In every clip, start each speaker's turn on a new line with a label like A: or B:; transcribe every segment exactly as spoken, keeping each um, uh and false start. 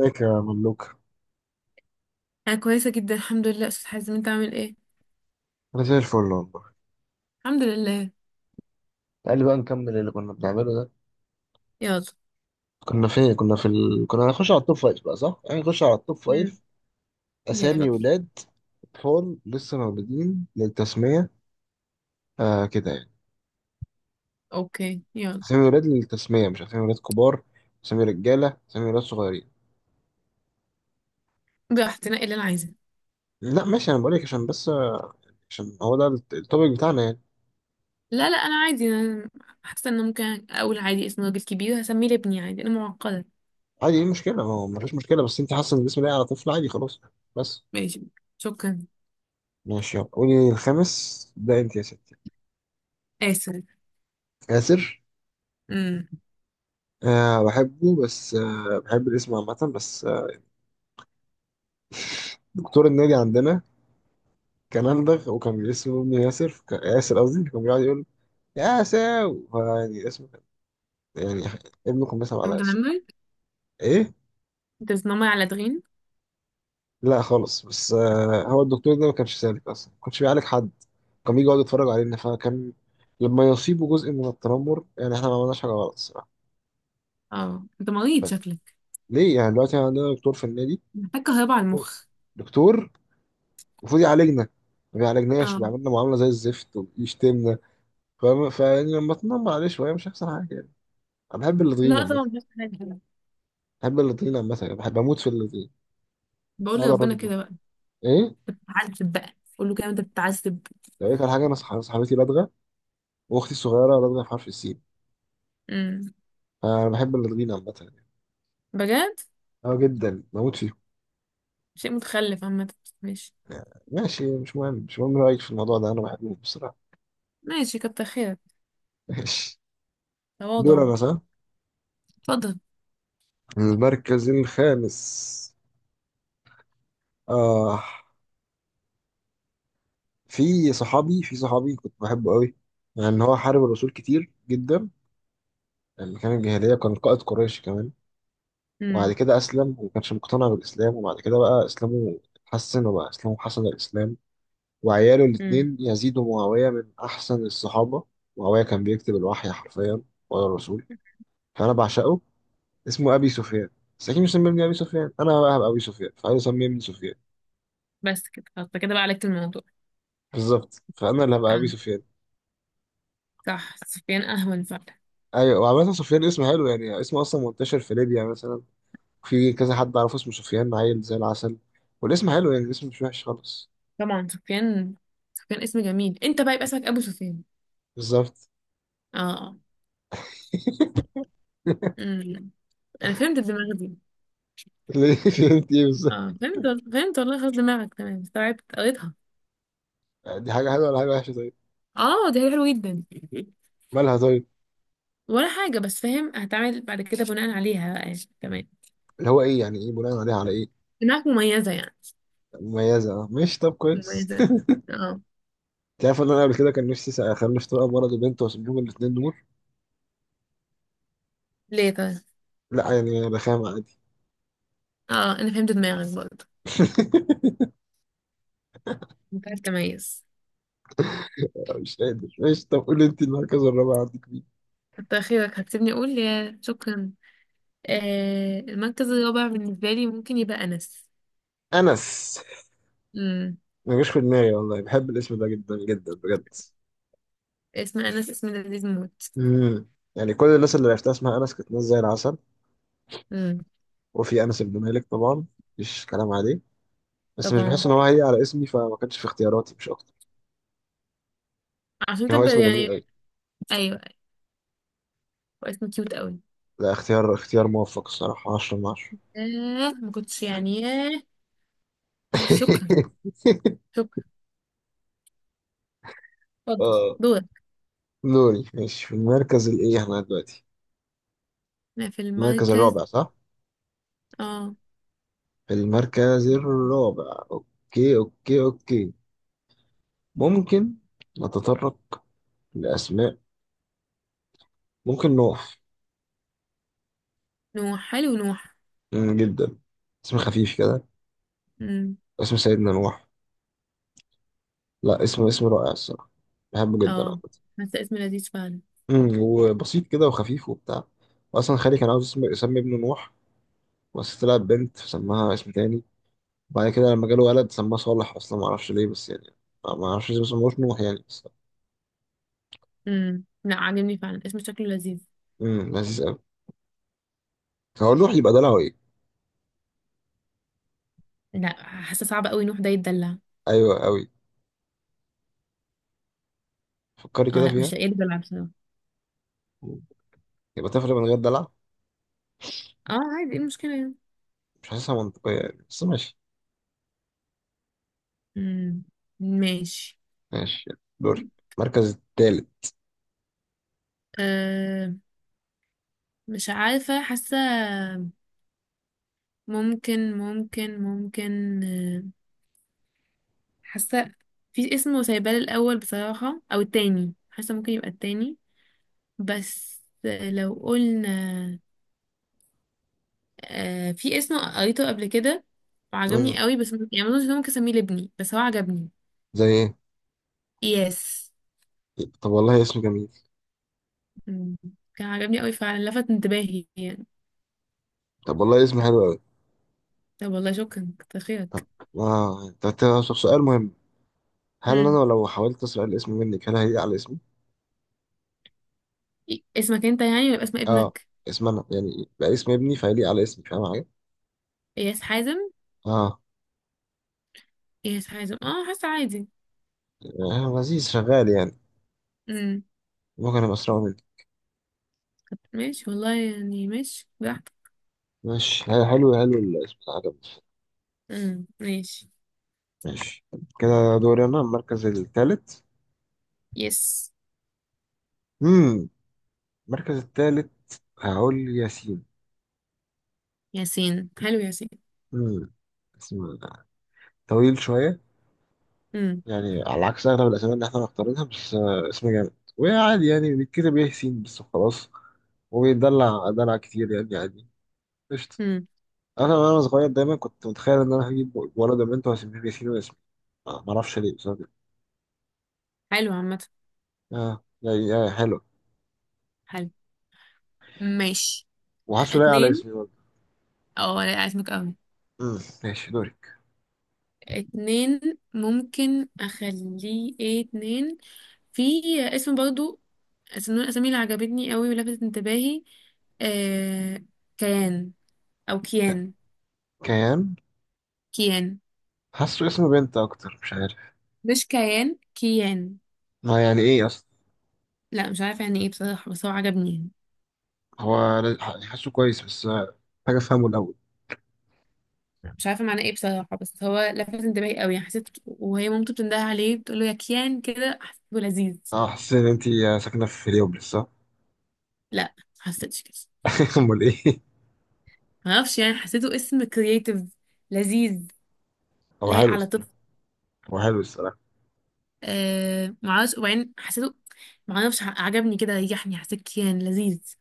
A: ازيك يا ملوك؟
B: انا كويسه جدا، الحمد لله. استاذ حازم، انت عامل ايه؟
A: انا زي الفل والله.
B: الحمد لله.
A: تعال بقى نكمل اللي كنا بنعمله ده.
B: يلا.
A: كنا فين؟ كنا في ال... كنا هنخش على التوب فايف بقى، صح؟ يعني نخش على التوب
B: مم.
A: فايف.
B: يلا
A: اسامي
B: بينا.
A: ولاد، اطفال لسه مولودين للتسميه. آه، كده يعني.
B: اوكي، يلا.
A: اسامي ولاد للتسميه، مش اسامي ولاد كبار. اسامي رجاله، اسامي ولاد صغيرين.
B: براحتي تنقي اللي انا عايزاه.
A: لا ماشي، انا بقول لك عشان بس. عشان هو ده الت- التوبيك بتاعنا يعني.
B: لا، لا. انا عادي. انا حاسه ان أنا ممكن اقول عادي اسم راجل كبير هسميه لابني، عادي. انا معقده.
A: عادي، ايه المشكله؟ ما هو مفيش مشكله، بس انت حاسه ان الاسم لايق على طفل. عادي، خلاص. بس.
B: ماشي. شكرا.
A: ماشي، يلا قولي الخامس ده انت يا ستي.
B: اسف.
A: ياسر.
B: امم.
A: أه، بحبه، بس أه بحب الاسم عامة، بس أه. دكتور النادي عندنا كان أندغ، وكان اسمه ابن ياسر، كان ياسر قصدي. كان بيقعد يقول يا ساو، يعني اسمه كان- يعني ابنه كان بيسمع
B: انت
A: على ياسر.
B: متنمر؟
A: إيه؟
B: انت بتنمر على دغين.
A: لا خالص، بس أه هو الدكتور ده ما كانش سالك أصلا، ما كانش بيعالج حد. كان بيجي يقعد يتفرج علينا، فكان لما يصيبه جزء من التنمر، يعني إحنا ما عملناش حاجة غلط الصراحة.
B: اه، انت مريض
A: بس
B: شكلك.
A: ليه؟ يعني دلوقتي عندنا دكتور في النادي.
B: محتاج كهرباء على المخ.
A: دكتور المفروض يعالجنا، ما بيعالجناش
B: اه.
A: وبيعملنا معاملة زي الزفت وبيشتمنا. فاهم؟ فيعني لما تنمر عليه شويه مش هيحصل حاجه يعني. انا بحب اللدغين
B: لا
A: عامه.
B: طبعا، مش حاجه.
A: بحب اللدغين عامه، يعني بحب اموت في اللدغين.
B: بقول
A: هذا
B: لربنا
A: الراجل ده.
B: كده بقى.
A: ايه؟
B: تعذب بقى، قول له كده انت بتعذب.
A: لو قلت على حاجه، انا صح- صاحبتي لدغه، واختي الصغيره لدغه في حرف السين.
B: امم.
A: فانا بحب اللدغين عامه يعني.
B: بجد؟
A: اه، جدا، بموت فيهم.
B: شيء متخلف عامه. ماشي.
A: ماشي، مش مهم، مش مهم رايك في الموضوع ده. انا بحبهم بصراحه.
B: ماشي، كتر خيرك.
A: ماشي. دول
B: تواضع.
A: انا، صح.
B: اتفضل.
A: المركز الخامس. آه. في صحابي في صحابي كنت بحبه قوي. لأن يعني هو حارب الرسول كتير جدا. يعني كان الجاهلية، كان قائد قريش كمان. وبعد
B: امم.
A: كده أسلم، وما كانش مقتنع بالإسلام، وبعد كده بقى إسلامه اتحسن، وبقى إسلامه حسن الإسلام. وعياله
B: امم.
A: الاتنين يزيد ومعاوية من أحسن الصحابة. معاوية كان بيكتب الوحي حرفيا ولا الرسول. فأنا بعشقه. اسمه أبي سفيان. بس أكيد مش سممني أبي سفيان أنا بقى، هبقى أبي سفيان فعايز يسميني سفيان.
B: بس كده خلاص، ده كده بقى عالجت الموضوع.
A: بالظبط، فأنا اللي هبقى أبي
B: اه
A: سفيان.
B: صح، سفيان اهون فعلا.
A: أيوة، وعامة سفيان اسم حلو، يعني اسمه أصلا منتشر في ليبيا مثلا. في كذا حد أعرفه اسمه سفيان، عيل زي العسل. والاسم حلو، يعني الاسم مش وحش خالص.
B: طبعا سفيان. سفيان اسم جميل، انت بقى يبقى اسمك ابو سفيان.
A: بالظبط.
B: اه. اه. امم. انا فهمت الدماغ دي.
A: ليه؟ فهمت ايه بالظبط؟
B: اه فهمت وال- فهمت والله، خلاص دماغك تمام، استوعبت قريتها.
A: يعني دي حاجه حلوه ولا حاجه وحشه؟ طيب.
B: اه، دي حاجة حلوة جدا.
A: مالها طيب؟
B: ولا حاجة، بس فاهم هتعمل بعد كده بناء عليها بقى يعني. تمام.
A: اللي هو ايه يعني؟ ايه بناء عليها؟ على ايه؟
B: دماغك مميزة يعني.
A: مميزه، اه، مش طب كويس.
B: مميزة. اه.
A: انت عارف ان انا قبل كده كان نفسي اخلف طبقه ولد وبنت واسيب لهم الاثنين دول.
B: ليه طيب؟
A: لا يعني انا بخام عادي.
B: اه، انا فهمت دماغك برضه. انت عارف تميز.
A: مش قادر. مش طب قول انت، المركز الرابع عندك مين؟
B: كتر خيرك، هتسيبني اقول؟ يا شكرا. آه، المركز الرابع بالنسبه لي ممكن يبقى انس.
A: انس.
B: امم.
A: ما جاش في دماغي والله، بحب الاسم ده جدا جدا بجد.
B: اسم انس اسم لذيذ موت.
A: امم. يعني كل الناس اللي عرفتها اسمها انس كانت ناس زي العسل.
B: امم.
A: وفي انس بن مالك طبعا، مفيش كلام عليه. بس مش بحس
B: طبعا.
A: ان هو هي على اسمي، فما كانش في اختياراتي مش اكتر.
B: عشان
A: هو اسم
B: تبقى
A: جميل
B: يعني.
A: أوي.
B: ايوه. واسم كيوت قوي.
A: لا، اختيار اختيار موفق الصراحة، عشرة من عشرة.
B: آه، ما كنتش يعني. ياه. شكرا. شكرا. اتفضل.
A: اه.
B: دورك.
A: دوري، ماشي، في المركز الايه احنا دلوقتي؟
B: انا في
A: المركز
B: المركز.
A: الرابع صح؟
B: اه.
A: في المركز الرابع، اوكي، اوكي، اوكي. ممكن نتطرق لأسماء. ممكن نوح.
B: نوح، حلو نوح.
A: مم، جدا. اسم خفيف كده.
B: امم.
A: اسم سيدنا نوح. لا، اسم اسم رائع الصراحة. بحبه جدا
B: اه،
A: عامة.
B: حاسه اسم لذيذ فعلا.
A: مم، وبسيط كده وخفيف وبتاع. وأصلا خالي كان عاوز اسم- يسمي ابنه نوح. بس طلعت بنت فسماها اسم تاني. بعد كده لما جاله ولد سماه صالح، اصلا ما اعرفش ليه بس يعني. ما اعرفش ليه بس ما اسموش نوح يعني، بس.
B: امم، لا عاجبني فعلا، اسم شكله لذيذ.
A: امم لذيذ قوي. هو نوح يبقى دلع ايه؟
B: لا، حاسه صعب قوي نوح ده يتدلع.
A: ايوه قوي. فكري
B: اه
A: كده
B: لا،
A: فيها.
B: مش لاقيه يتدلع بصراحه.
A: مم. يبقى تفرق من غير دلع.
B: اه عادي، ايه المشكله يعني؟
A: مش حاسسها منطقيه يعني بس ماشي
B: امم. ماشي.
A: ماشي، دوري، المركز التالت.
B: أه، مش عارفة. حاسة، ممكن ممكن ممكن أه. حاسة. في اسمه سايبال الأول بصراحة، أو التاني. حاسة ممكن يبقى التاني. بس لو قلنا، أه، في اسم قريته قبل كده
A: مم.
B: وعجبني قوي، بس م- يعني مظنش إن أنا ممكن أسميه لابني، بس هو عجبني.
A: زي ايه؟
B: يس.
A: طب والله اسم جميل.
B: مم. كان عجبني قوي فعلا، لفت انتباهي يعني.
A: طب والله اسم حلو قوي.
B: طب والله، شكرا كتر
A: طب.
B: خيرك.
A: اه، طب طب- طب سؤال مهم. هل انا
B: مم.
A: لو حاولت اسرق الاسم منك هل هيليق على اسمي؟
B: اسمك انت يعني، ولا يبقى اسم
A: اه،
B: ابنك؟
A: اسم انا يعني بقى اسم ابني فهيليق على اسمي، فاهم حاجه؟
B: اياس حازم.
A: اه،
B: اياس حازم، اه حاسه عادي.
A: آه، لذيذ، شغال يعني.
B: امم.
A: بكرة الأسرع منك.
B: ماشي والله، يعني ماشي براحتك.
A: ماشي، حلو. حلو الاسم ده عجبني.
B: امم. ماشي.
A: ماشي كده. دوري أنا، المركز الثالث.
B: يس.
A: امم. المركز الثالث. هقول ياسين.
B: ياسين، حلو ياسين.
A: امم. اسم طويل شوية.
B: امم.
A: يعني على عكس أغلب الأسامي اللي إحنا مختارينها، بس آه، اسم جامد وعادي. يعني بيتكتب إيه؟ ياسين، بس وخلاص. وبيدلع دلع كتير يعني، عادي. قشطة.
B: امم.
A: أنا، وأنا صغير دايما كنت متخيل إن أنا هجيب ولد وبنت وهسميهم ياسين وياسمين. آه، معرفش ليه بس أنا كده.
B: حلو عامه.
A: آه، يعني آه، حلو.
B: حلو. ماشي.
A: وحاسه لايق على
B: اتنين.
A: اسمي.
B: اه لا، اسمك قوي.
A: امم، ماشي. دورك.
B: اتنين. ممكن اخليه ايه؟ اتنين. في اسم برضو، اسم من الاسامي اللي عجبتني قوي ولفتت انتباهي. آه... كيان. او كيان.
A: كيان.
B: كيان.
A: حاسه اسم بنت اكتر، مش عارف.
B: مش كيان، كيان.
A: ما يعني ايه اصلا؟
B: لا، مش عارفة يعني ايه بصراحة، بس هو عجبني يعني.
A: هو ل- ح- حاسه كويس، بس آه، محتاج افهمه الاول.
B: مش عارفة معناه ايه بصراحة، بس هو لفت انتباهي قوي يعني. حسيت وهي مامته بتنده عليه بتقول له يا كيان، كده حسيته لذيذ.
A: اه، حاسس ان انت ساكنه في هليوبلس صح.
B: لا، حسيتش كده.
A: امال ايه؟
B: معرفش يعني، حسيته اسم كرييتيف. لذيذ.
A: هو
B: لايق
A: حلو
B: على طفل.
A: الصراحه. هو حلو الصراحه.
B: آه معرفش، وبعدين حسيته، معرفش، ع- عجبني كده، ريحني، حسيت كيان لذيذ.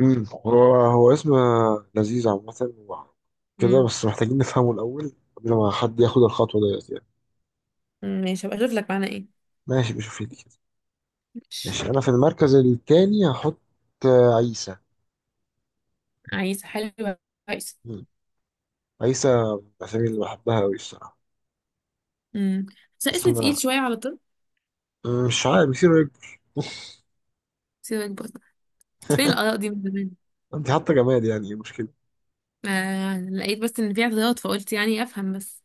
A: امم هو هو اسم آه، لذيذ عامه، و- كده،
B: امم.
A: بس محتاجين نفهمه الاول قبل ما حد ياخد الخطوه ديت يعني.
B: ماشي، هبقى اشوف لك معناه ايه.
A: ماشي، بشوف لي كده.
B: مش.
A: ماشي، انا في المركز التاني هحط آه، عيسى.
B: عايز حلو. كويس.
A: مم. عيسى من الأسامي اللي بحبها أوي الصراحة.
B: امم. بس اسم تقيل
A: اسم،
B: شوية على طفل.
A: أه، مش عارف، بيصير رجل.
B: سيبك برضه. فين الآراء دي من زمان؟
A: انت حتى جماد، يعني ايه المشكلة؟
B: آه لقيت بس ان في اعتراض، فقلت يعني افهم بس.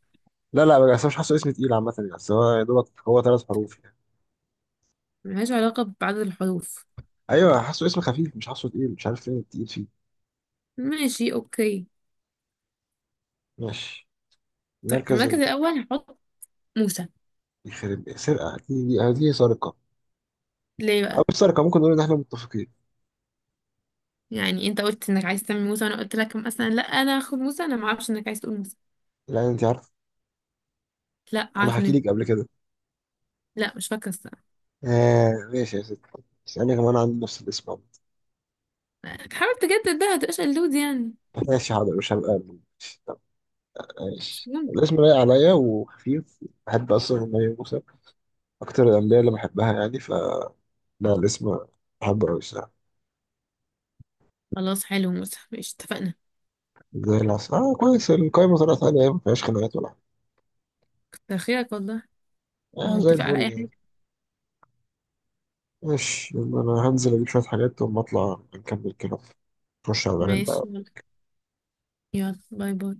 A: لا لا، بس أنا مش حاسه اسم تقيل عامة يعني، بس هو يا دوبك هو ثلاث حروف يعني.
B: ملهاش علاقة بعدد الحروف.
A: ايوه، حاسه اسم خفيف، مش حاسه تقيل، مش عارف فين التقيل فيه.
B: ماشي. اوكي.
A: ماشي.
B: طيب،
A: مركز
B: المركز
A: ال-.
B: الاول هحط موسى.
A: يخرب سرقة، دي دي دي سرقة.
B: ليه
A: أو
B: بقى؟
A: مش سرقة، ممكن نقول إن إحنا متفقين.
B: يعني انت قلت انك عايز تعمل موسى، وانا قلت لك مثلا لا انا هاخد موسى؟ انا ما اعرفش انك عايز تقول موسى.
A: لأن أنت عارف،
B: لا،
A: أنا حكي
B: عارفني.
A: لك قبل كده.
B: لا، مش فاكره الصراحه.
A: آه، ماشي يا ست. اسألني كمان، عندي نفس الاسم عامة.
B: حاول تجدد، ده هتبقاش قلود يعني.
A: ماشي حاضر، مش هبقى. طب،
B: مش
A: ماشي،
B: ممكن.
A: الاسم لايق عليا وخفيف، بحب أصلا إن هي موسى. أكتر الأنبياء اللي بحبها يعني، ف لا، الاسم حبة أوي الصراحة.
B: خلاص، حلو موسى، ماشي اتفقنا.
A: زي العسل. آه، كويس، القايمة طلعت عادي يعني، مفيهاش خناقات ولا حاجة.
B: كتر خيرك والله. ما
A: آه زي
B: نتفق على
A: الفل
B: اي
A: يعني.
B: حاجه.
A: ماشي، يبقى أنا هنزل أجيب شوية حاجات، وأما أطلع نكمل كده. نخش على الغنم بقى.
B: ماشي، يلا. يلا، باي باي.